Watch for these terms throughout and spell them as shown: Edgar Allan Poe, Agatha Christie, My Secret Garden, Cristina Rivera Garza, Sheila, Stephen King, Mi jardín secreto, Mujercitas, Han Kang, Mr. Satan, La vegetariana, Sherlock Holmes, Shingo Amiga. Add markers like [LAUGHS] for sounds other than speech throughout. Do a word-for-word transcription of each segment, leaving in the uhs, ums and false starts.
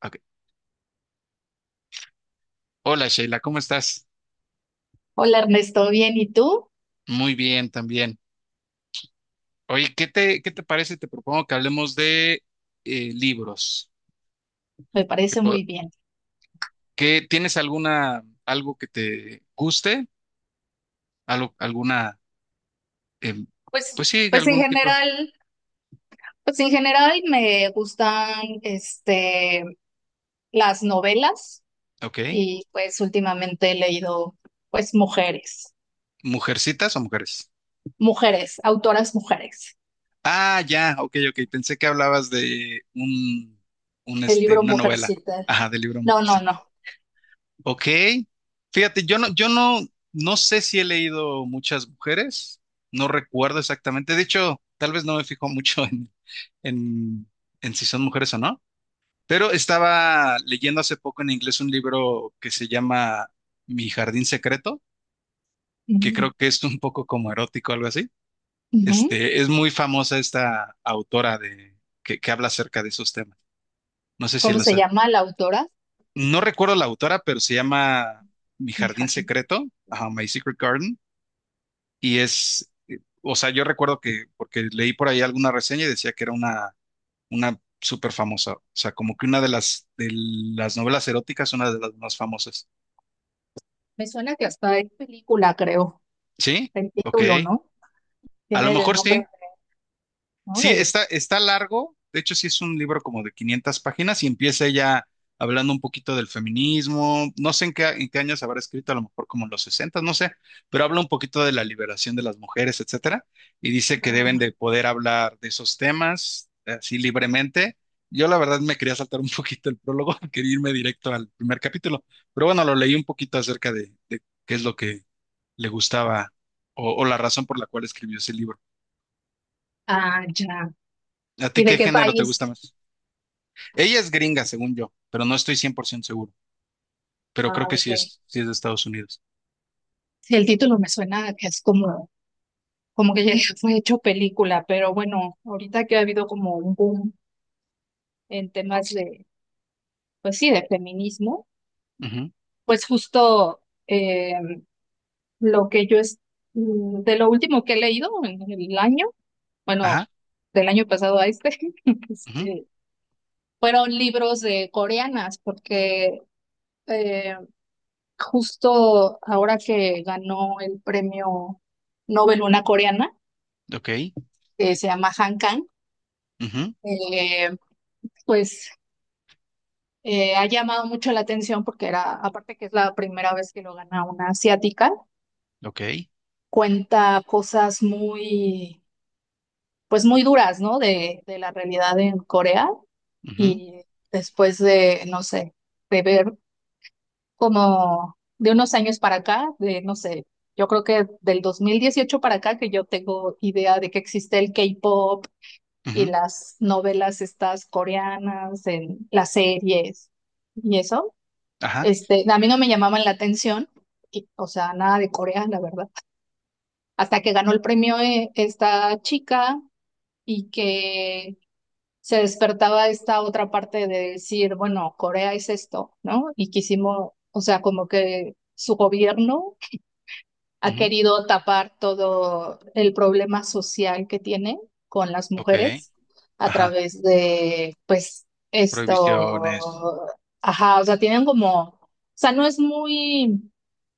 Ok. Hola Sheila, ¿cómo estás? Hola Ernesto, bien, ¿y tú? Muy bien también. Oye, ¿qué te, qué te parece? Te propongo que hablemos de eh, libros. Me ¿Qué parece po- muy bien. que- tienes alguna, algo que te guste? Algo, alguna, em, Pues, pues sí, pues en algún tipo. general, pues en general me gustan este las novelas Ok. y pues últimamente he leído pues mujeres, ¿Mujercitas o mujeres? mujeres, autoras mujeres. Ah, ya, ok, ok. Pensé que hablabas de un, un, El este, libro una novela. Mujercita. Ajá, del libro No, no, Mujercitas. no. Ok, fíjate, yo no, yo no, no sé si he leído muchas mujeres, no recuerdo exactamente, de hecho, tal vez no me fijo mucho en, en, en si son mujeres o no, pero estaba leyendo hace poco en inglés un libro que se llama Mi jardín secreto, que Ujú, creo que es un poco como erótico, algo así. ujú. Este, es muy famosa esta autora de, que, que habla acerca de esos temas. No sé si ¿Cómo los se sé. llama la autora? No recuerdo la autora, pero se llama Mi Mi jardín jardín. secreto, ajá, My Secret Garden. Y es, eh, o sea, yo recuerdo que, porque leí por ahí alguna reseña y decía que era una, una súper famosa, o sea, como que una de las, de las novelas eróticas, una de las más famosas. Me suena que hasta hay película, creo, ¿Sí? el Ok. título, ¿no? A lo Tiene el mejor nombre, sí. ¿no? Sí, De. está, está largo. De hecho, sí es un libro como de quinientas páginas y empieza ella hablando un poquito del feminismo. No sé en qué, en qué años habrá escrito, a lo mejor como en los sesenta, no sé, pero habla un poquito de la liberación de las mujeres, etcétera. Y dice que deben de poder hablar de esos temas eh, así libremente. Yo la verdad me quería saltar un [LAUGHS] poquito el prólogo, [LAUGHS] quería irme directo al primer capítulo, pero bueno, lo leí un poquito acerca de, de qué es lo que le gustaba o o la razón por la cual escribió ese libro. Ah, ya. ¿A ti ¿Y de qué qué género te país? gusta más? Ella es gringa, según yo, pero no estoy cien por ciento seguro. Pero Ah, creo que ok. sí es, sí es de Estados Unidos. Sí, el título me suena a que es como, como que ya [LAUGHS] fue hecho película, pero bueno, ahorita que ha habido como un boom en temas de, pues sí, de feminismo, Ujú. pues justo eh, lo que yo es, mm, de lo último que he leído en el año, bueno, Ajá. del año pasado a este, [LAUGHS] Ujú. este, fueron libros de coreanas, porque eh, justo ahora que ganó el premio Nobel una coreana, Ok. que se llama Han Kang, Ujú. eh, pues eh, ha llamado mucho la atención porque era, aparte que es la primera vez que lo gana una asiática, Ok. cuenta cosas muy, pues muy duras, ¿no? De, de la realidad en Corea Ujú. y después de, no sé, de ver como de unos años para acá, de, no sé, yo creo que del dos mil dieciocho para acá que yo tengo idea de que existe el K-pop y Ujú. las novelas estas coreanas, en las series y eso. Ajá. Este, a mí no me llamaban la atención, y, o sea, nada de Corea, la verdad. Hasta que ganó el premio eh, esta chica y que se despertaba esta otra parte de decir, bueno, Corea es esto, ¿no? Y quisimos, o sea, como que su gobierno ha Ujú. querido tapar todo el problema social que tiene con las Ok. mujeres a Ajá. través de, pues, Prohibiciones. esto, ajá, o sea, tienen como, o sea, no es muy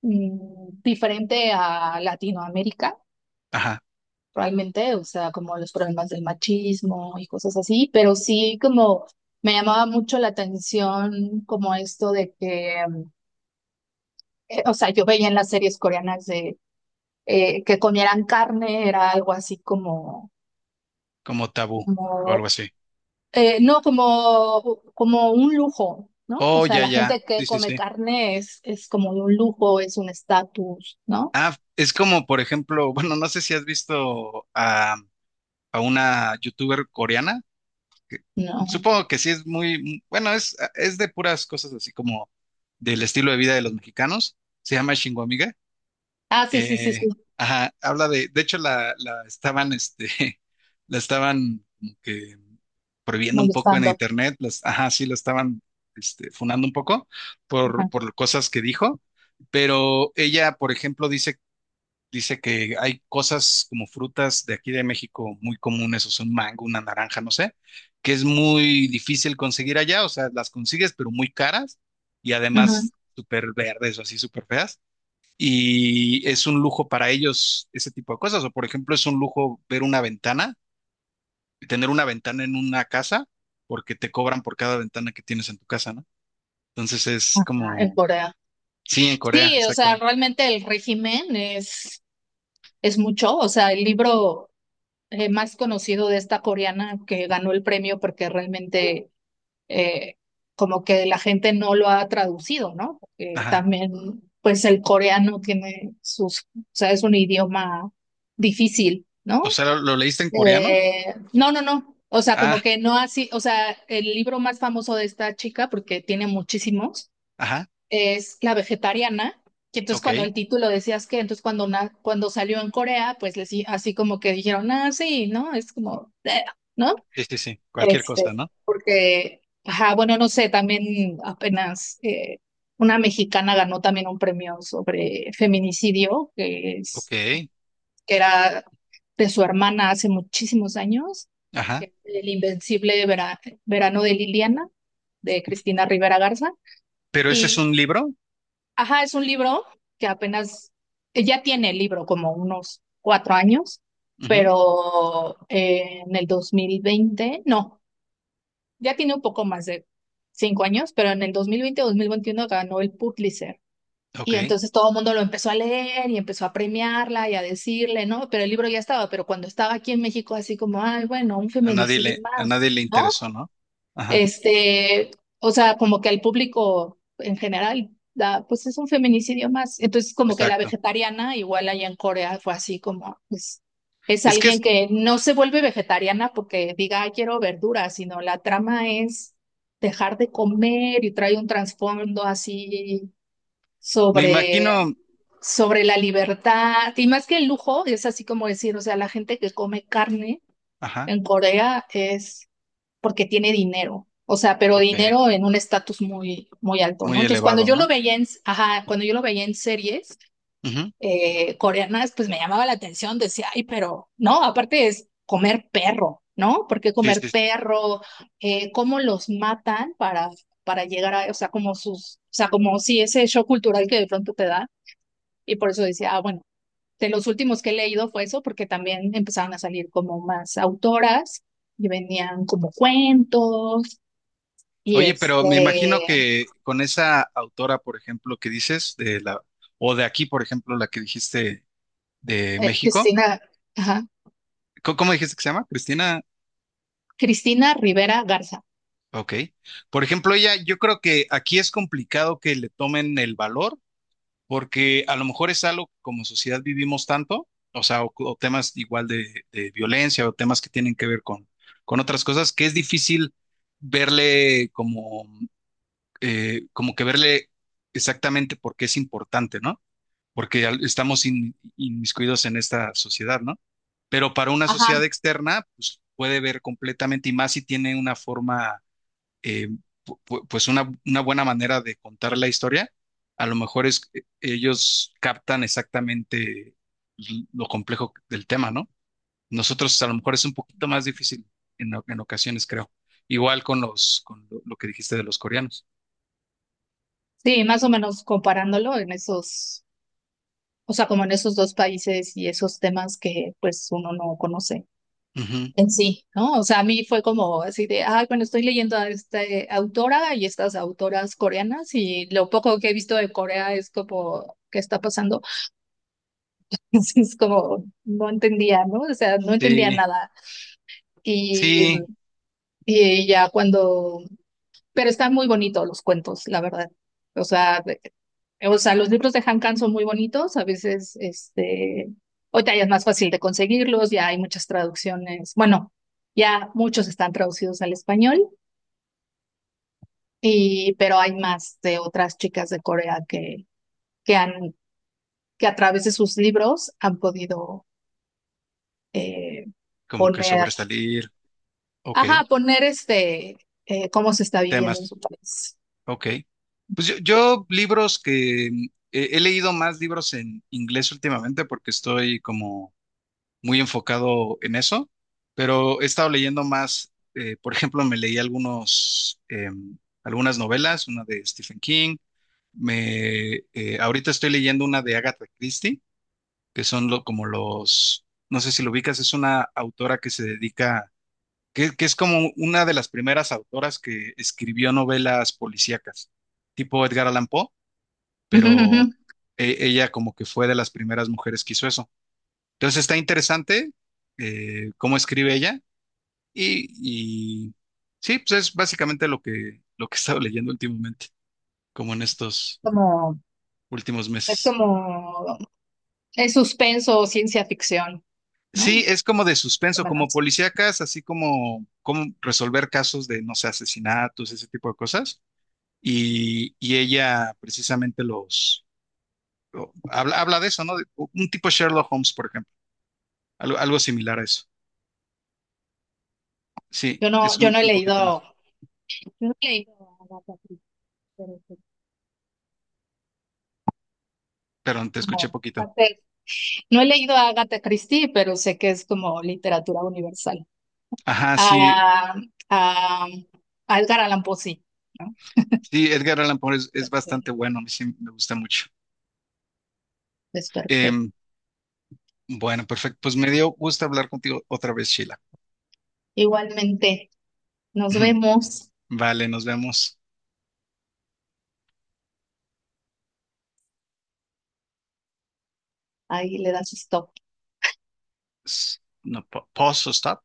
mm, diferente a Latinoamérica, Ajá. realmente, o sea, como los problemas del machismo y cosas así, pero sí como. Me llamaba mucho la atención como esto de que, mm, eh, o sea, yo veía en las series coreanas de eh, que comieran carne era algo así como, Como tabú o algo como así. eh, no, como, como un lujo, ¿no? O Oh, sea, ya, la ya. gente que Sí, sí, come sí. carne es, es como un lujo, es un estatus, ¿no? Ah, es como, por ejemplo, [LAUGHS] bueno, no sé si has visto a, a una youtuber coreana que- No. supongo que sí es muy, bueno, es, es de puras cosas así como del estilo de vida de los mexicanos. Se llama Shingo Amiga. Ah, sí, sí, sí, sí, Eh, ajá, habla de, de hecho la, la estaban, este, [LAUGHS] la estaban como que prohibiendo un poco en molestando. internet. Las, ajá, sí, la estaban, este, funando un poco Ajá, por, por cosas que dijo. Pero ella, por ejemplo, dice. Dice que hay cosas como frutas de aquí de México muy comunes, o sea, un mango, una naranja, no sé, que es muy difícil conseguir allá, o sea, las consigues, pero muy caras y ujú, además súper verdes o así, súper feas. Y es un lujo para ellos ese tipo de cosas, o por ejemplo, es un lujo ver una ventana, tener una ventana en una casa, porque te cobran por cada ventana que tienes en tu casa, ¿no? Entonces es ajá, en como, Corea. sí, en Corea, Sí, o sea, exactamente. realmente el régimen es, es mucho, o sea, el libro eh, más conocido de esta coreana que ganó el premio porque realmente eh, como que la gente no lo ha traducido, ¿no? Porque Ajá. también, pues el coreano tiene sus, o sea, es un idioma difícil, O ¿no? sea, ¿lo, lo leíste en coreano? Eh, no, no, no. O sea, como Ah, que no así, o sea, el libro más famoso de esta chica, porque tiene muchísimos, ajá, es La vegetariana. Que entonces ok. cuando el título decías que, entonces cuando, na- cuando salió en Corea, pues les, di- así como que dijeron, ah, sí, ¿no? Es como, eh, ¿no? Sí, sí, sí, cualquier Este, cosa, ¿no? porque, ajá, bueno, no sé, también apenas eh, una mexicana ganó también un premio sobre feminicidio, que Ok, es, que era de su hermana hace muchísimos años, que ajá. es el invencible Vera- verano de Liliana, de Cristina Rivera Garza. Pero ese es Y, un libro. ajá, es un libro que apenas, ya tiene el libro como unos cuatro años, Ujú. pero eh, en el dos mil veinte no. Ya tiene un poco más de cinco años, pero en el dos dos mil veinte mil veintiuno ganó el Pulitzer. Ok, Y entonces todo el mundo lo empezó a leer y empezó a premiarla y a decirle, ¿no? Pero el libro ya estaba, pero cuando estaba aquí en México, así como, ay, bueno, un a nadie feminicidio le, a más, nadie le ¿no? interesó, ¿no? Ajá, Este, o sea, como que al público en general da, pues es un feminicidio más. Entonces, como que la exacto. vegetariana, igual allá en Corea, fue así como, pues, es Es que alguien es- que no se vuelve vegetariana porque diga, "Ay, quiero verduras, sino la trama es dejar de comer y trae un trasfondo así me sobre, imagino, sobre la libertad. Y más que el lujo, es así como decir, o sea, la gente que come carne ajá, en Corea es porque tiene dinero. O sea, pero ok, dinero en un estatus muy, muy alto, ¿no? muy Entonces, cuando elevado, yo lo ¿no? veía en, ajá, cuando yo lo veía en series Ujú. eh, coreanas, pues me llamaba la atención, decía, ay, pero no, aparte es comer perro, ¿no? Porque Sí, comer sí. perro, eh, cómo los matan para, para, llegar a, o sea, como sus, o sea, como si ese shock cultural que de pronto te da, y por eso decía, ah, bueno, de los últimos que he leído fue eso, porque también empezaron a salir como más autoras y venían como cuentos y Oye, pero me imagino este, que con esa autora, por ejemplo, que dices, de la, o de aquí, por ejemplo, la que dijiste de eh, México, Cristina, ajá, ¿cómo, cómo dijiste que se llama? Cristina, Cristina Rivera Garza. ok. Por ejemplo, ella, yo creo que aquí es complicado que le tomen el valor porque a lo mejor es algo que como sociedad vivimos tanto, o sea, o, o temas igual de, de violencia o temas que tienen que ver con, con otras cosas, que es difícil verle como, eh, como que verle exactamente por qué es importante, ¿no? Porque al- estamos in- inmiscuidos en esta sociedad, ¿no? Pero para una Ajá, sociedad externa, pues puede ver completamente y más si tiene una forma eh, pu- pues una, una buena manera de contar la historia. A lo mejor es, eh, ellos captan exactamente lo complejo del tema, ¿no? Nosotros a lo mejor es un poquito más difícil en, o- en ocasiones, creo. Igual con los, con lo, lo que dijiste de los coreanos. sí, más o menos comparándolo en esos, o sea, como en esos dos países y esos temas que pues uno no conoce Ujú. en sí, ¿no? O sea, a mí fue como así de, ay, bueno, estoy leyendo a esta eh, autora y estas autoras coreanas y lo poco que he visto de Corea es como, ¿qué está pasando? [LAUGHS] Entonces es como, no entendía, ¿no? O sea, no entendía Sí, nada. Y, sí, y ya cuando pero están muy bonitos los cuentos, la verdad. O sea, de- o sea, los libros de Han Kang son muy bonitos, a veces, este, ahorita ya es más fácil de conseguirlos, ya hay muchas traducciones, bueno, ya muchos están traducidos al español, y, pero hay más de otras chicas de Corea que, que han, que a través de sus libros han podido eh, como que poner, sobresalir. Ok, ajá, poner este, eh, cómo se está viviendo en temas. su país. Ok. Pues yo, yo libros que mm, he, he leído más libros en inglés últimamente porque estoy como muy enfocado en eso, pero he estado leyendo más, eh, por ejemplo, me leí algunos, em, algunas novelas, una de Stephen King, me, eh, ahorita estoy leyendo una de Agatha Christie, que son lo, como los, no sé si lo ubicas, es una autora que se dedica, que, que es como una de las primeras autoras que escribió novelas policíacas, tipo Edgar Allan Poe, [LAUGHS] Ujú, pero... ujú. e- Ella como que fue de las primeras mujeres que hizo eso. Entonces está interesante eh, cómo escribe ella y, y sí, pues es básicamente lo que, lo que he estado leyendo últimamente, como en estos Como, últimos es meses. como Es suspenso o ciencia ficción, ¿no? Sí, Más es como de o suspenso, como menos. policíacas, así como, como resolver casos de, no sé, asesinatos, ese tipo de cosas. Y, y ella precisamente los, lo- habla, habla de eso, ¿no? De un tipo Sherlock Holmes, por ejemplo, algo, algo similar a eso. Sí, Yo no, es yo un no he un poquito más, leído, yo no he leído a Agatha Christie, pero sé que es pero te escuché como poquito. parte- no he leído a Agatha Christie, pero sé que es como literatura universal. Ajá, sí. A, a, a Edgar Allan Poe, sí, ¿no? Sí, Edgar Allan Poe es, es Ok. bastante bueno, a mí sí me gusta mucho. Es perfecto. Em, bueno, perfecto. Pues me dio gusto hablar contigo otra vez, Sheila. Igualmente, nos [CLEARS THROAT] vemos. Vale, nos vemos. Ahí le das stop. S- No, pa- pause o stop.